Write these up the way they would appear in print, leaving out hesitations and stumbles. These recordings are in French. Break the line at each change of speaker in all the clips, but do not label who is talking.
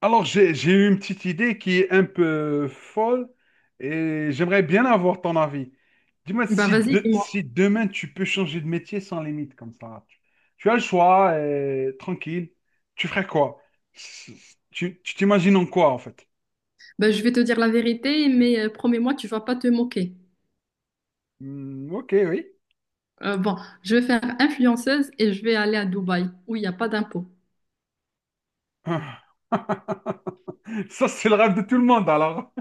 Alors, j'ai eu une petite idée qui est un peu folle et j'aimerais bien avoir ton avis. Dis-moi
Bah
si,
vas-y, dis-moi.
si demain tu peux changer de métier sans limite comme ça. Tu as le choix, tranquille. Tu ferais quoi? Tu t'imagines en quoi en fait?
Bah, je vais te dire la vérité, mais promets-moi, tu vas pas te moquer.
Hmm, ok, oui.
Euh, bon, je vais faire influenceuse et je vais aller à Dubaï, où il n'y a pas d'impôt.
Ah. Ça, c'est le rêve de tout le monde alors.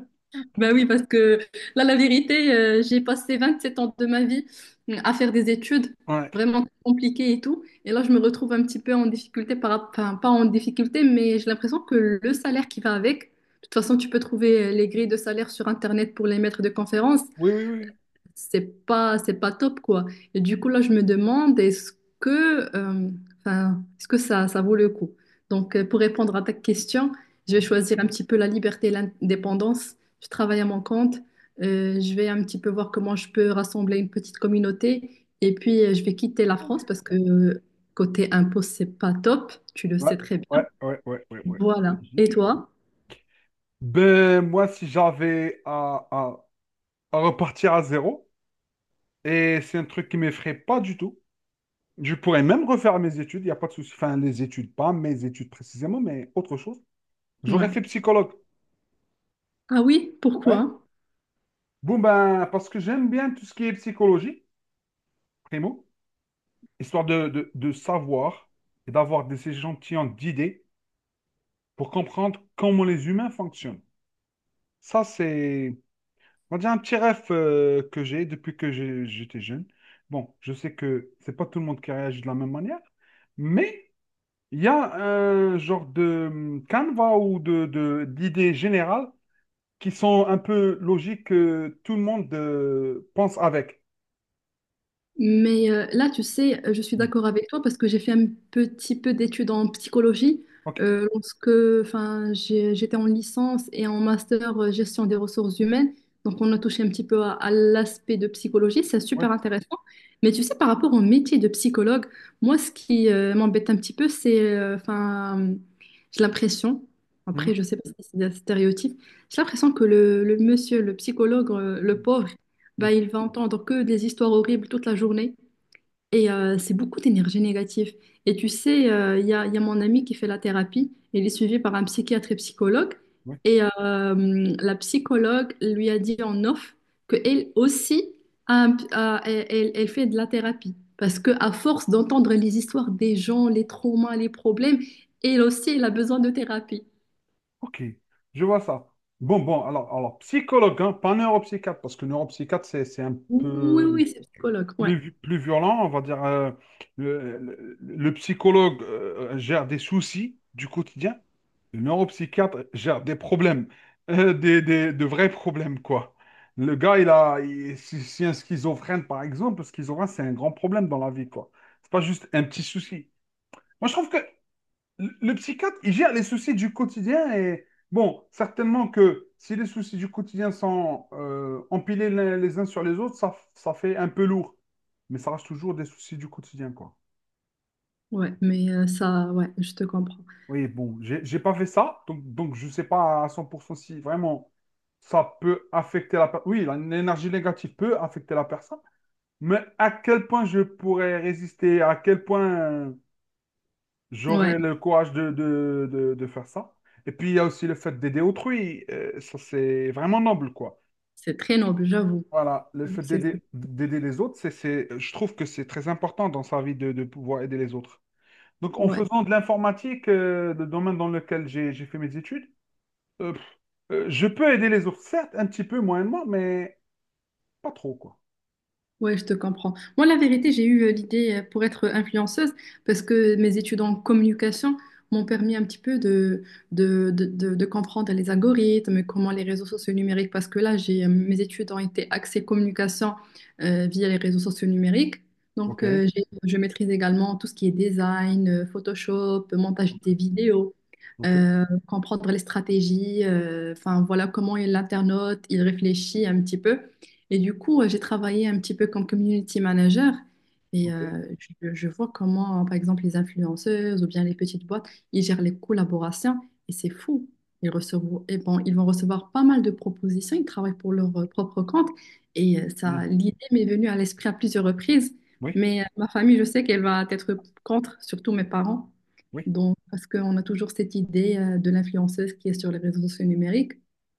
Bah oui, parce que là, la vérité, j'ai passé 27 ans de ma vie à faire des études
Ouais.
vraiment compliquées et tout. Et là, je me retrouve un petit peu en difficulté, enfin, pas en difficulté, mais j'ai l'impression que le salaire qui va avec, de toute façon, tu peux trouver les grilles de salaire sur Internet pour les maîtres de conférences.
Oui, oui, oui.
C'est pas top quoi. Et du coup là je me demande que euh, est-ce que ça vaut le coup? Donc pour répondre à ta question, je vais choisir un petit peu la liberté et l'indépendance. Je travaille à mon compte, je vais un petit peu voir comment je peux rassembler une petite communauté et puis je vais quitter la France
Ok.
parce que côté impôt c'est pas top, tu le
Ouais,
sais très bien.
ouais, ouais, ouais, ouais, ouais.
Voilà.
Logique.
Et toi?
Ben, moi, si j'avais à repartir à zéro. Et c'est un truc qui m'effraie pas du tout. Je pourrais même refaire mes études, il n'y a pas de souci. Enfin, les études, pas mes études précisément, mais autre chose. J'aurais
Ouais.
fait psychologue.
Ah oui,
Ouais.
pourquoi?
Bon, ben, parce que j'aime bien tout ce qui est psychologie, primo, histoire de savoir et d'avoir des échantillons d'idées pour comprendre comment les humains fonctionnent. Ça, c'est, on va dire, un petit rêve que j'ai depuis que j'étais jeune. Bon, je sais que c'est pas tout le monde qui réagit de la même manière, mais il y a un genre de canevas ou d'idées générales qui sont un peu logiques que tout le monde pense avec.
Mais là, tu sais, je suis
Mm.
d'accord avec toi parce que j'ai fait un petit peu d'études en psychologie
Ok,
euh, lorsque j'étais en licence et en master gestion des ressources humaines. Donc, on a touché un petit peu à l'aspect de psychologie. C'est
ouais.
super intéressant. Mais tu sais, par rapport au métier de psychologue, moi, ce qui m'embête un petit peu, j'ai l'impression,
Mhm.
après, je sais pas si c'est des stéréotypes, j'ai l'impression que le monsieur, le psychologue, le pauvre, bah,
Mhm.
il va entendre que des histoires horribles toute la journée. Et c'est beaucoup d'énergie négative. Et tu sais, il y a mon ami qui fait la thérapie. Il est suivi par un psychiatre et psychologue.
Ouais.
Et la psychologue lui a dit en off qu'elle aussi, a un p- a- elle, elle- elle fait de la thérapie. Parce qu'à force d'entendre les histoires des gens, les traumas, les problèmes, elle aussi, elle a besoin de thérapie.
Ok, je vois ça. Bon, bon, alors psychologue, hein, pas neuropsychiatre, parce que neuropsychiatre, c'est un
Oui, oui,
peu
oui, c'est psychologue. Ouais,
plus violent, on va dire. Le psychologue gère des soucis du quotidien. Le neuropsychiatre gère des problèmes, de vrais problèmes, quoi. Le gars, il a, il- si, si un schizophrène, par exemple, le schizophrène, c'est un grand problème dans la vie, quoi. C'est pas juste un petit souci. Moi, je trouve que le psychiatre, il gère les soucis du quotidien et, bon, certainement que si les soucis du quotidien sont empilés les uns sur les autres, ça fait un peu lourd. Mais ça reste toujours des soucis du quotidien, quoi.
ouais. Mais ça, ouais, je te comprends.
Oui, bon, j'ai pas fait ça, donc je sais pas à 100% si vraiment ça peut affecter la personne. Oui, l'énergie négative peut affecter la personne, mais à quel point je pourrais résister, à quel point
Ouais,
j'aurais le courage de faire ça. Et puis il y a aussi le fait d'aider autrui, ça c'est vraiment noble, quoi.
c'est très noble, j'avoue.
Voilà, le fait
C'est ça.
d'aider les autres, je trouve que c'est très important dans sa vie de pouvoir aider les autres. Donc en
Ouais,
faisant de l'informatique, le domaine dans lequel j'ai fait mes études. Euh, pff, je peux aider les autres, certes, un petit peu moyennement, mais pas trop, quoi.
ouais, je te comprends. Moi, la vérité, j'ai eu l'idée pour être influenceuse parce que mes études en communication m'ont permis un petit peu de comprendre les algorithmes, comment les réseaux sociaux numériques, parce que là, mes études ont été axées communication via les réseaux sociaux numériques.
Ok,
Donc, je maîtrise également tout ce qui est design, Photoshop, montage
ok,
des vidéos.
ok,
Comprendre les stratégies, enfin voilà comment l'internaute, il réfléchit un petit peu. Et du coup, j'ai travaillé un petit peu comme community manager et
ok.
je vois comment, par exemple, les influenceuses ou bien les petites boîtes, ils gèrent les collaborations et c'est fou. Ils recevront, et bon, ils vont recevoir pas mal de propositions, ils travaillent pour leur propre compte et
Hmm.
ça, l'idée m'est venue à l'esprit à plusieurs reprises,
Oui,
mais ma famille, je sais qu'elle va être contre, surtout mes parents,
oui.
donc, parce qu'on a toujours cette idée de l'influenceuse qui est sur les réseaux sociaux numériques.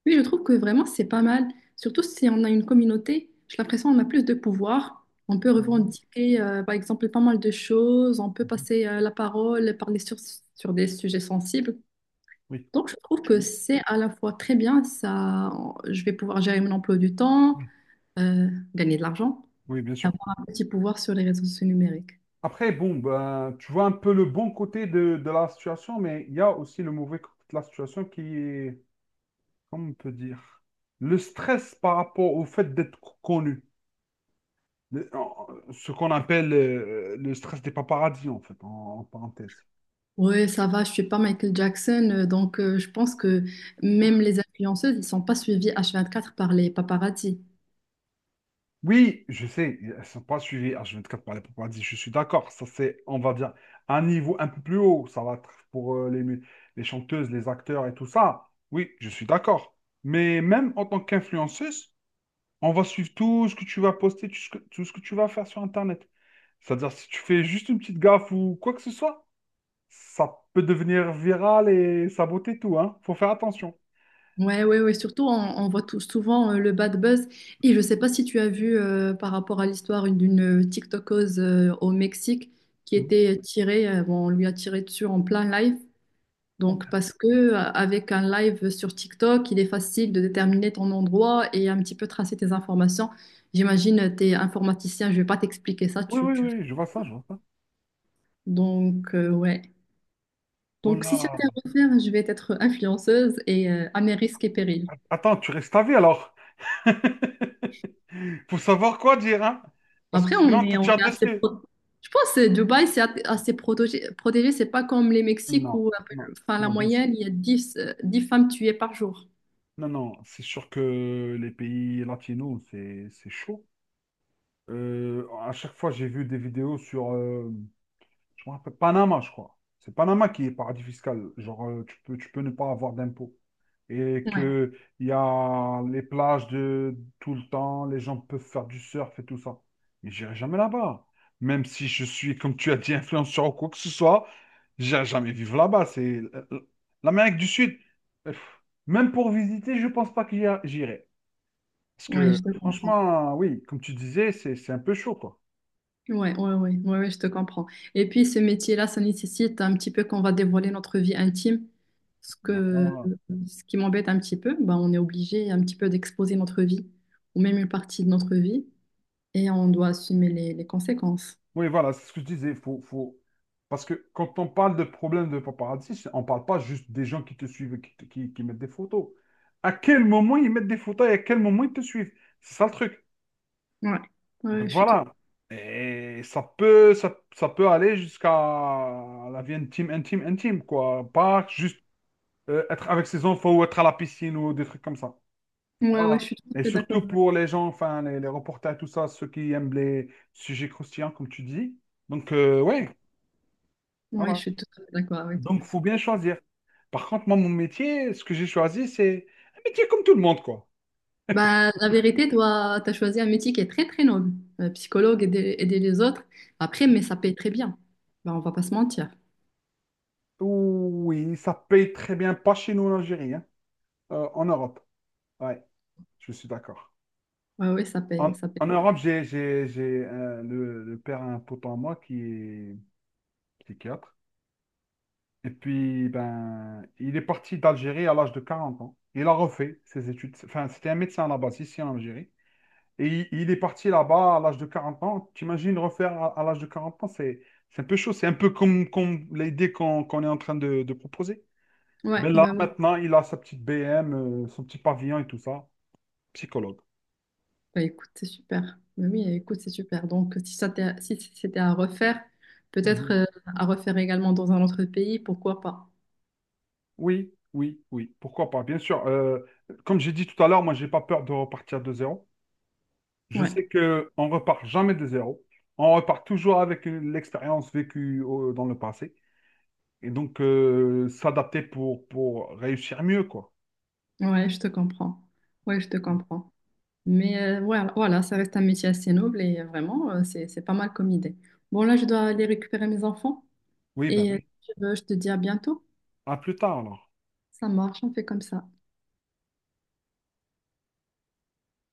Mais je trouve que vraiment, c'est pas mal. Surtout si on a une communauté, j'ai l'impression qu'on a plus de pouvoir. On peut
Mhm,
revendiquer, par exemple, pas mal de choses. On peut
mhm.
passer la parole, parler sur des sujets sensibles.
Oui,
Donc, je trouve que
oui,
c'est à la fois très bien, ça, je vais pouvoir gérer mon emploi du temps,
oui,
euh, gagner de l'argent
oui, bien
et
sûr.
avoir un petit pouvoir sur les réseaux sociaux numériques.
Après, bon, ben, tu vois un peu le bon côté de la situation, mais il y a aussi le mauvais côté de la situation qui est, comment on peut dire, le stress par rapport au fait d'être connu. Le- en- Ce qu'on appelle le stress des paparazzis, en fait, en parenthèse.
Oui, ça va, je suis pas Michael Jackson, je pense que même les influenceuses, ils sont pas suivis H24 par les paparazzis.
Oui, je sais, elles sont pas suivies H24 par les paparazzis, je suis d'accord. Ça, c'est, on va dire, un niveau un peu plus haut. Ça va être pour les chanteuses, les acteurs et tout ça. Oui, je suis d'accord. Mais même en tant qu'influenceuse, on va suivre tout ce que tu vas poster, tout ce que tu vas faire sur Internet. C'est-à-dire, si tu fais juste une petite gaffe ou quoi que ce soit, ça peut devenir viral et saboter tout, hein. Faut faire attention.
Ouais, ouais, ouais. Surtout, on voit tout, souvent le bad buzz. Et je sais pas si tu as vu par rapport à l'histoire d'une TikTokeuse au Mexique qui
Mm.
était tirée, bon, on lui a tiré dessus en plein live. Donc, parce que avec un live sur TikTok, il est facile de déterminer ton endroit et un petit peu tracer tes informations. J'imagine, tu es informaticien, je vais pas t'expliquer ça.
Oui, oui,
Tu...
oui, je vois ça, je vois ça.
Donc, ouais.
Oh
Donc, si c'était
là,
à refaire, je vais être influenceuse et à mes risques et périls.
attends, tu restes à vie alors. Faut savoir quoi dire, hein? Parce que sinon, on te
On
tire
est assez
dessus.
Je pense que Dubaï, c'est assez protégé. C'est pas comme les Mexiques
Non,
où,
non,
enfin, la
non, bien sûr.
moyenne, il y a 10 10 femmes tuées par jour.
Non, non, c'est sûr que les pays latinos, c'est chaud. À chaque fois, j'ai vu des vidéos sur, je me rappelle, Panama, je crois. C'est Panama qui est paradis fiscal. Genre, tu peux ne pas avoir d'impôts. Et
Ouais,
que il y a les plages de tout le temps, les gens peuvent faire du surf et tout ça. Mais j'irai jamais là-bas. Même si je suis, comme tu as dit, influenceur ou quoi que ce soit, j'irai jamais vivre là-bas. C'est l'Amérique du Sud. euh, pff, Même pour visiter, je pense pas que j'irai. Parce
ouais,
que,
je te comprends.
franchement, oui, comme tu disais, c'est un peu chaud, quoi.
Ouais, ouais, ouais, ouais, ouais, je te comprends. Et puis, ce métier-là, ça nécessite un petit peu qu'on va dévoiler notre vie intime. Ce que,
Voilà.
Ce qui m'embête un petit peu, bah, on est obligé un petit peu d'exposer notre vie, ou même une partie de notre vie, et on doit assumer les conséquences.
Oui, voilà, c'est ce que je disais. Faut. Parce que quand on parle de problème de paparazzi, on ne parle pas juste des gens qui te suivent, et qui mettent des photos. À quel moment ils mettent des photos et à quel moment ils te suivent? C'est ça le truc.
Ouais,
Donc
ouais, je suis tout,
voilà. Et ça peut aller jusqu'à la vie intime, intime, intime, quoi. Pas juste être avec ses enfants ou être à la piscine ou des trucs comme ça.
ouais, ouais,
Voilà.
je suis tout à
Et
fait d'accord.
surtout pour les gens, enfin, les reporters, tout ça, ceux qui aiment les sujets croustillants, comme tu dis. Donc, ouais,
Ouais, je
voilà.
suis totalement d'accord avec toi.
Donc, faut bien choisir. Par contre, moi, mon métier, ce que j'ai choisi, c'est un métier comme tout le monde, quoi.
Bah, la vérité, toi, tu as choisi un métier qui est très, très noble. Psychologue, aider les autres. Après, mais ça paye très bien. Bah, on va pas se mentir.
Oui, ça paye très bien, pas chez nous en Algérie, hein. En Europe. Ouais, je suis d'accord.
Ouais, ouais,
En,
ça paye.
en Europe, le père a un pote à moi qui est psychiatre. Et puis, ben, il est parti d'Algérie à l'âge de 40 ans. Il a refait ses études. Enfin, c'était un médecin à la base ici en Algérie. Et il est parti là-bas à l'âge de 40 ans. T'imagines refaire à l'âge de 40 ans, c'est un peu chaud. C'est un peu comme l'idée qu'on est en train de proposer.
Ouais,
Ben là,
bah oui.
maintenant, il a sa petite BM, son petit pavillon et tout ça. Psychologue.
Bah, écoute, c'est super. Bah oui, écoute, c'est super. Donc, si ça t'est- si c'était à refaire, peut-être
Mhm.
à refaire également dans un autre pays, pourquoi pas?
Oui, oui, oui. Pourquoi pas? Bien sûr. Comme j'ai dit tout à l'heure, moi, j'ai pas peur de repartir de zéro. Je
Ouais,
sais que on repart jamais de zéro. On repart toujours avec l'expérience vécue dans le passé. Et donc, s'adapter pour réussir mieux, quoi.
ouais, je te comprends. Ouais, je te comprends. Mais voilà, voilà, ça reste un métier assez noble et vraiment, c'est pas mal comme idée. Bon, là, je dois aller récupérer mes enfants.
Oui, ben
Et
oui.
si tu veux, je te dis à bientôt.
À plus tard, alors.
Ça marche, on fait comme ça.